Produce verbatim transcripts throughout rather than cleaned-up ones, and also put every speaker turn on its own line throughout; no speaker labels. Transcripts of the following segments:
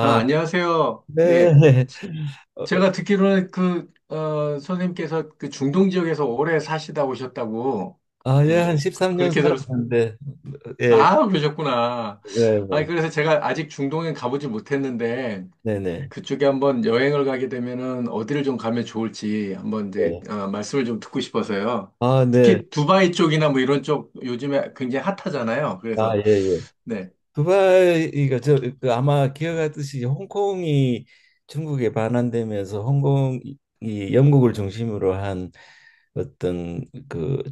아, 안녕하세요.
네.
네.
어,
제가 듣기로는 그, 어, 선생님께서 그 중동 지역에서 오래 사시다 오셨다고,
아, 예,
어,
한 십삼 년
그렇게 들었습니다.
살았는데, 예.
아, 그러셨구나. 아,
네,
그래서 제가 아직 중동에 가보지 못했는데,
네, 네,
그쪽에 한번 여행을 가게 되면은 어디를 좀 가면 좋을지 한번 이제,
네.
어, 말씀을 좀 듣고 싶어서요.
아, 네.
특히 두바이 쪽이나 뭐 이런 쪽 요즘에 굉장히 핫하잖아요.
아,
그래서,
예, 예.
네,
두바이가 저, 그 아마 기억하듯이 홍콩이 중국에 반환되면서, 홍콩이 영국을 중심으로 한 어떤 그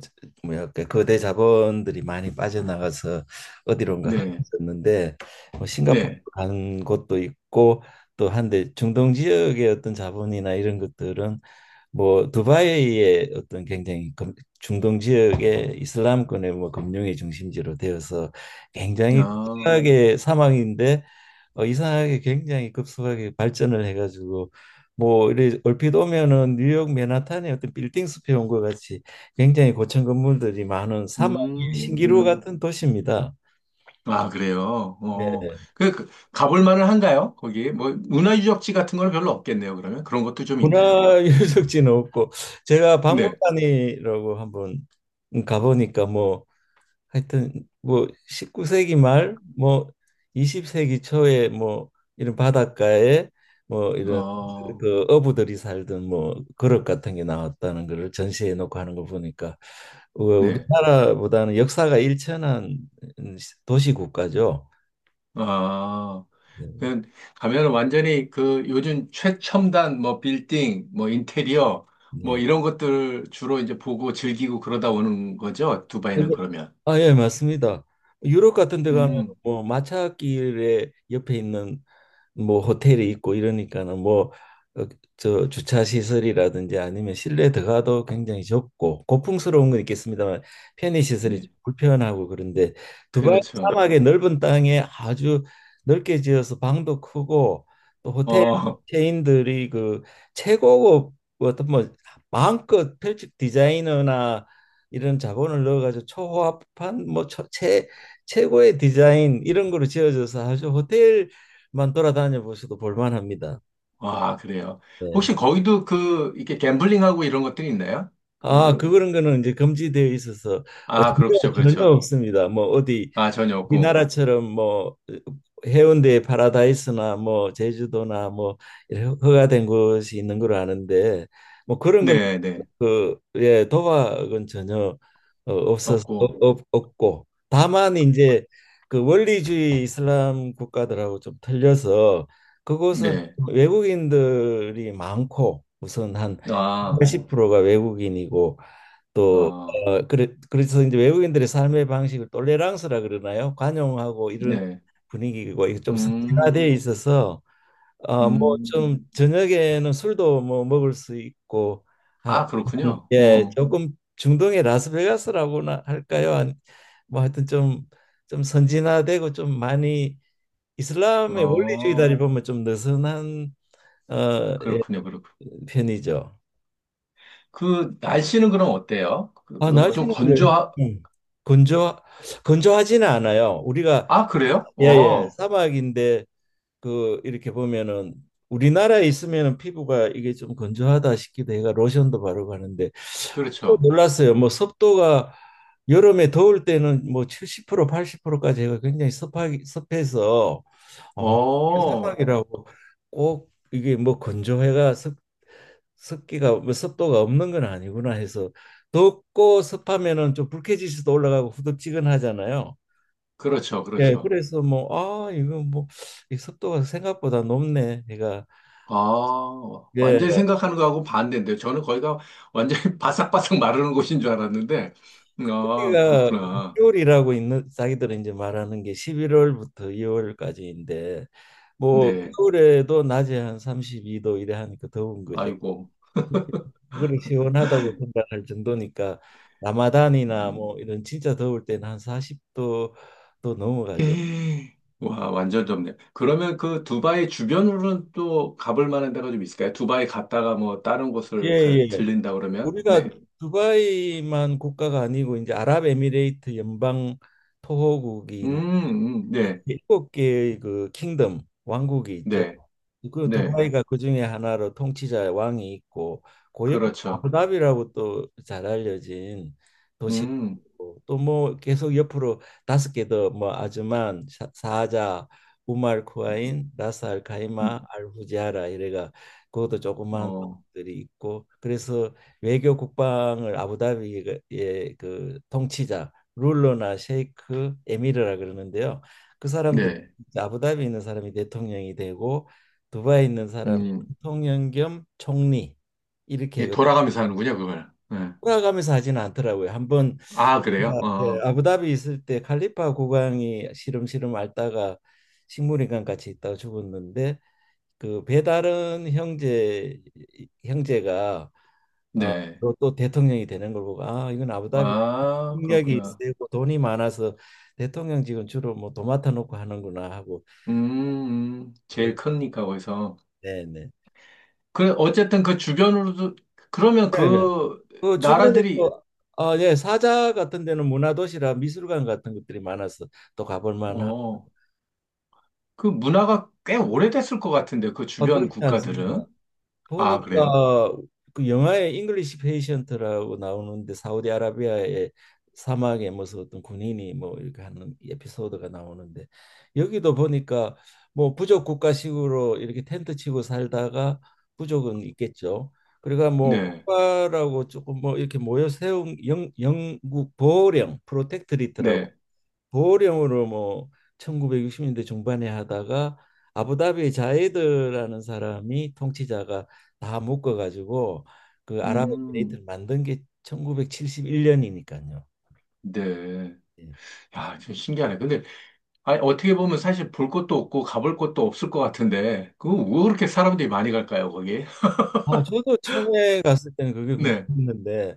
뭐랄까 거대 자본들이 많이 빠져나가서 어디론가
네,
흩어졌는데, 뭐 싱가포르
네.
간 곳도 있고, 또 한데 중동 지역의 어떤 자본이나 이런 것들은 뭐 두바이의 어떤 굉장히 금- 중동 지역의 이슬람권의 뭐 금융의 중심지로 되어서 굉장히
아,
급하게 사망인데, 어, 이상하게 굉장히 급속하게 발전을 해가지고, 뭐 이래 얼핏 오면은 뉴욕 맨하탄의 어떤 빌딩 숲에 온 것 같이 굉장히 고층 건물들이 많은 사막의
음,
신기루
음.
같은 도시입니다.
아, 그래요. 어,
네.
그, 그, 가볼 만은 한가요? 거기 뭐 문화유적지 같은 건 별로 없겠네요. 그러면 그런 것도 좀 있나요?
문화 유적지는 없고, 제가
근데
박물관이라고 한번 가보니까, 뭐 하여튼 뭐 십구 세기 말, 뭐 이십 세기 초에 뭐 이런 바닷가에 뭐 이런
어,
그 어부들이 살던 뭐 그릇 같은 게 나왔다는 거를 전시해 놓고 하는 거 보니까, 어,
네,
우리나라보다는 역사가 일천한 도시 국가죠.
아,
네.
그 가면 완전히 그 요즘 최첨단 뭐 빌딩, 뭐 인테리어, 뭐
네.
이런 것들 주로 이제 보고 즐기고 그러다 오는 거죠.
아, 예.
두바이는 그러면.
아, 예, 맞습니다. 유럽 같은 데 가면
음,
뭐 마차길에 옆에 있는 뭐 호텔이 있고 이러니까는, 뭐 어, 저 주차 시설이라든지 아니면 실내 들어가도 굉장히 좁고 고풍스러운 건 있겠습니다만 편의 시설이 좀
네,
불편하고 그런데, 두바이
그렇죠.
사막의 넓은 땅에 아주 넓게 지어서 방도 크고, 또 호텔
어,
체인들이 그 최고급 어떤 뭐 마음껏 별집 디자이너나 이런 자본을 넣어가지고 초호화판 뭐 최, 최고의 디자인 이런 거로 지어져서, 아주 호텔 만 돌아다녀 보셔도 볼만합니다.
아, 그래요.
네.
혹시 거기도 그 이렇게 갬블링하고 이런 것들이 있나요?
아,
그,
그, 그런 거는 이제 금지되어 있어서 어,
아,
전혀,
그렇죠,
전혀
그렇죠.
없습니다. 뭐 어디
아, 전혀 없고.
우리나라처럼 뭐 해운대의 파라다이스나 뭐 제주도나 뭐 이렇게 허가된 곳이 있는 걸 아는데, 뭐 그런 거는
네, 네.
그 예 도박은 전혀 어, 없어서
없고.
없, 없고, 다만 이제 그 원리주의 이슬람 국가들하고 좀 틀려서 그곳은
네.
외국인들이 많고, 우선 한
아,
팔십 프로가 외국인이고, 또
어,
어, 그래, 그래서 이제 외국인들의 삶의 방식을 똘레랑스라 그러나요? 관용하고 이런
네.
분위기고, 이게 좀 선진화되어
음,
있어서 어,
음.
뭐좀 저녁에는 술도 뭐 먹을 수 있고,
아,
한-
그렇군요.
예,
어,
조금 중동의 라스베가스라고나 할까요? 한, 뭐 하여튼 좀 좀 선진화되고 좀 많이 이슬람의 원리주의다리
어,
보면 좀 느슨한 어, 예,
그렇군요, 그렇군요.
편이죠.
그, 날씨는 그럼 어때요? 그,
아, 그래서
거좀
날씨는 예, 좀
건조하,
건조 건조하지는 않아요. 우리가
아, 그래요?
예예
어,
사막인데 그 이렇게 보면은, 우리나라에 있으면은 피부가 이게 좀 건조하다 싶기도 해가 로션도 바르고 하는데, 또
그렇죠.
놀랐어요. 뭐 습도가 여름에 더울 때는 뭐 칠십 프로 팔십 프로까지 해가 굉장히 습하 습해서,
어,
사막이라고 꼭 이게 뭐 건조해가 습 습기가 뭐 습도가 없는 건 아니구나 해서, 덥고 습하면은 좀 불쾌지수도 올라가고 후덥지근하잖아요.
그렇죠,
예,
그렇죠.
그래서 뭐 아 이거 뭐이 습도가 생각보다 높네. 제가
아, 완전히
예,
생각하는 거하고 반대인데요. 저는 거기가 완전히 바삭바삭 마르는 곳인 줄 알았는데, 아,
여기가
그렇구나.
겨울이라고 있는 자기들은 이제 말하는 게 십일월부터 이월까지인데, 뭐
네.
겨울에도 낮에 한 삼십이 도 이래 하니까 더운 거죠.
아이고.
그걸 시원하다고 생각할 정도니까, 라마단이나
음.
뭐 이런 진짜 더울 때는 한 사십 도 또 넘어가죠.
에이, 와, 완전 좁네요. 그러면 그 두바이 주변으로는 또 가볼 만한 데가 좀 있을까요? 두바이 갔다가 뭐 다른
예,
곳을 가,
예.
들린다 그러면?
우리가
네.
두바이만 국가가 아니고 이제 아랍에미레이트 연방 토호국이
음, 음,
그
네,
일곱 개의 그 킹덤 왕국이 있죠.
네,
그
네.
두바이가 그 중에 하나로 통치자 왕이 있고, 그 옆에
그렇죠.
아부다비라고 또 잘 알려진 도시가
음,
있고, 또 뭐 계속 옆으로 다섯 개 더 뭐 아즈만, 샤- 사자, 우말 쿠아인, 라스 알 카이마,
음,
알 후지아라 이래가 그것도 조그만
어,
들이 있고, 그래서 외교 국방을 아부다비의 그 통치자 룰러나 셰이크 에미르라 그러는데요. 그 사람들
네.
아부다비에 있는 사람이 대통령이 되고, 두바이에 있는 사람이
음,
대통령 겸 총리, 이렇게
예,
해
돌아가면서 하는군요, 그걸. 네.
돌아가면서 하지는 않더라고요. 한번
아, 그래요?
제가, 예,
어,
아부다비 있을 때 칼리파 국왕이 시름시름 앓다가 식물인간 같이 있다가 죽었는데, 그 배다른 형제 형제가
네.
또, 또 대통령이 되는 걸 보고, 아 이건 아부다비
아,
능력이
그렇구나.
세고 돈이 많아서 대통령직은 주로 뭐 도맡아 놓고 하는구나 하고.
음, 음, 제일 크니까, 거기서.
네네.
그래, 어쨌든 그 주변으로도, 그러면
네.
그
그 주변에
나라들이
또 어, 예, 사자 같은 데는 문화도시라 미술관 같은 것들이 많아서 또 가볼 만하고.
어, 그 문화가 꽤 오래됐을 것 같은데, 그
아,
주변
그렇지 않습니다.
국가들은. 아, 그래요?
보니까 그 영화에 잉글리시 페이션트라고 나오는데, 사우디아라비아의 사막에 무슨 어떤 군인이 뭐 이렇게 하는 에피소드가 나오는데, 여기도 보니까 뭐 부족 국가식으로 이렇게 텐트 치고 살다가, 부족은 있겠죠. 그러니까 뭐
네,
국가라고 조금 뭐 이렇게 모여 세운 영, 영국 보호령 프로텍트리트라고
네,
보령으로 뭐 천구백육십 년대 중반에 하다가 아부다비 자이드라는 사람이 통치자가 다 묶어가지고 그
음,
아랍에미레이트를 만든 게 일천구백칠십일 년이니까요.
네. 야, 좀 신기하네. 근데, 아니, 어떻게 보면 사실 볼 것도 없고 가볼 것도 없을 것 같은데, 그거 왜 그렇게 사람들이 많이 갈까요, 거기?
아, 저도 처음에 갔을 때는 그게
네,
궁금했는데,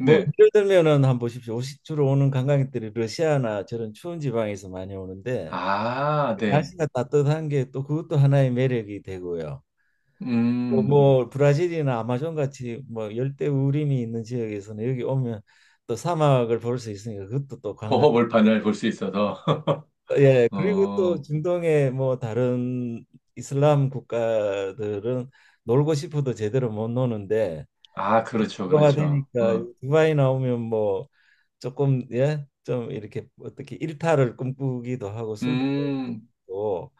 뭐 예를 들면은 한번 보십시오. 오시- 주로 오는 관광객들이 러시아나 저런 추운 지방에서 많이 오는데,
아, 네.
날씨가 따뜻한 게 또 그것도 하나의 매력이 되고요. 뭐,
음,
뭐 브라질이나 아마존 같이 뭐 열대 우림이 있는 지역에서는 여기 오면 또 사막을 볼 수 있으니까, 그것도 또 관광.
호허벌판을 볼 수 있어서.
예, 그리고 또
어,
중동의 뭐 다른 이슬람 국가들은 놀고 싶어도 제대로 못 노는데,
아, 그렇죠,
그가
그렇죠.
되니까
어,
두바이 나오면 뭐 조금 예, 좀 이렇게 어떻게 일탈을 꿈꾸기도 하고 술도
음,
먹고.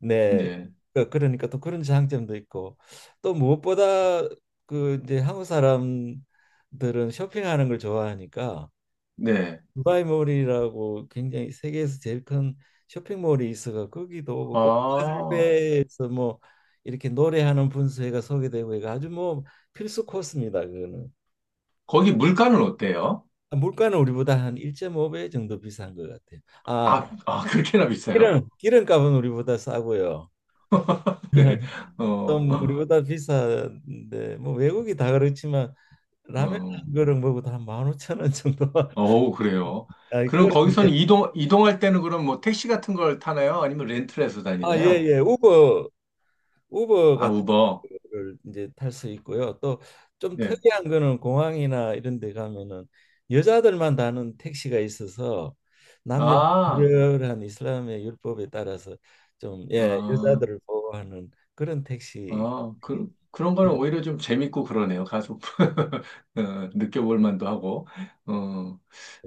네.
네,
그- 그러니까 또 그런 장점도 있고, 또 무엇보다 그 이제 한국 사람들은 쇼핑하는 걸 좋아하니까
네.
두바이몰이라고 굉장히 세계에서 제일 큰 쇼핑몰이 있어가 거기도 오고,
아,
꽃갈배에서 뭐 이렇게 노래하는 분수회가 소개되고 해가 아주 뭐 필수 코스입니다. 그거는.
거기 물가는 어때요?
아, 물가는 우리보다 한 일 점 오 배 정도 비싼 것 같아요. 아
아, 아, 그렇게나 비싸요?
기름 기름값은 우리보다 싸고요.
네. 어,
좀
어,
우리보다 비싼데 뭐 외국이 다 그렇지만, 라면
어,
한 그릇 먹어도 한 만 오천 원 정도.
어우, 그래요.
아,
그럼
그런 이제.
거기서는 이동, 이동할 때는 그럼 뭐 택시 같은 걸 타나요? 아니면 렌트를 해서
아, 예,
다니나요?
예. 우버 우버
아,
같은
우버.
거를 이제 탈 수 있고요. 또 좀
네.
특이한 거는 공항이나 이런 데 가면은 여자들만 타는 택시가 있어서, 남녀
아,
불결한 이슬람의 율법에 따라서 좀 예,
아,
여자들을 보호하는 그런 택시.
아, 그,
그리고
그런 거는 오히려 좀 재밌고 그러네요. 가서, 어, 느껴볼 만도 하고. 어,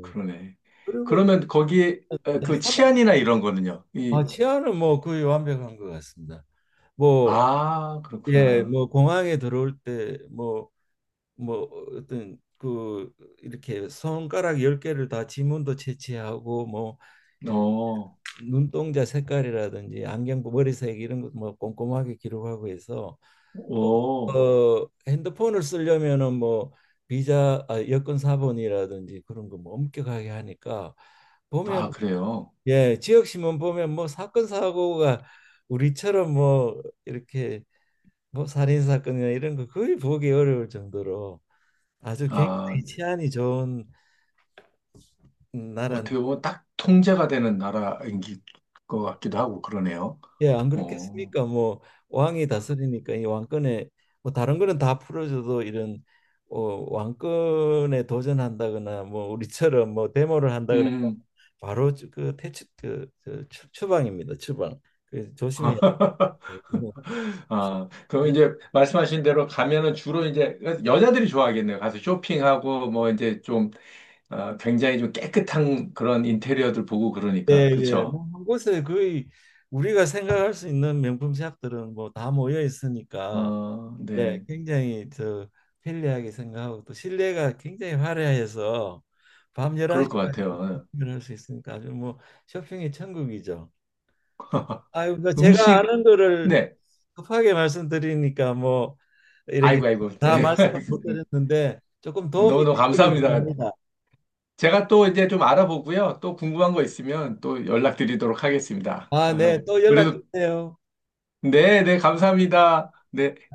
그러네. 그러면 거기에, 어, 그 치안이나 이런 거는요?
아,
이,
치아는 뭐 거의 완벽한 것 같습니다. 뭐,
아,
예,
그렇구나.
뭐 공항에 들어올 때 뭐 뭐 어떤 그 이렇게 손가락 열개를다 지문도 채취하고, 뭐 이런
어,
눈동자 색깔이라든지 안경 머리색 이런 것도 뭐 꼼꼼하게 기록하고 해서, 또
오.
어, 핸드폰을 쓰려면은 뭐 비자 아, 여권 사본이라든지 그런 거 뭐 엄격하게 하니까, 보면
아, 그래요.
예, 지역 신문 보면 뭐 사건 사고가 우리처럼 뭐 이렇게 뭐 살인 사건이나 이런 거 거의 보기 어려울 정도로 아주
아,
굉장히 치안이 좋은 나라.
어떻게 보면 딱 통제가 되는 나라인 기- 것 같기도 하고 그러네요.
예, 안
어,
그렇겠습니까? 뭐 왕이 다스리니까 이 왕권에 뭐 다른 거는 다 풀어줘도 이런 어, 왕권에 도전한다거나 뭐 우리처럼 뭐 데모를 한다거나,
음,
바로 그 퇴출 그, 그 추- 추방입니다. 추방. 그 조심해야 돼.
아, 그럼 이제 말씀하신 대로 가면은 주로 이제 여자들이 좋아하겠네요. 가서 쇼핑하고 뭐 이제 좀 아, 굉장히 좀 깨끗한 그런 인테리어들 보고 그러니까.
예예
그렇죠?
뭐한 곳에 거의 우리가 생각할 수 있는 명품 샵들은 뭐 다 모여 있으니까,
어,
예
네.
굉장히 저 편리하게 생각하고 또 실내가 굉장히 화려해서, 밤
그럴 것
열한 시까지
같아요.
쇼핑을 할 수 있으니까 아주 뭐 쇼핑의 천국이죠. 아유 뭐 제가
음식,
아는 거를
네.
급하게 말씀드리니까 뭐 이렇게
아이고, 아이고.
다 말씀을 못 드렸는데, 조금 도움이
너무너무
되기를
감사합니다.
바랍니다.
제가 또 이제 좀 알아보고요. 또 궁금한 거 있으면 또 연락드리도록 하겠습니다.
아, 네.
아유.
또 연락
그래도,
주세요.
네, 네, 감사합니다. 네.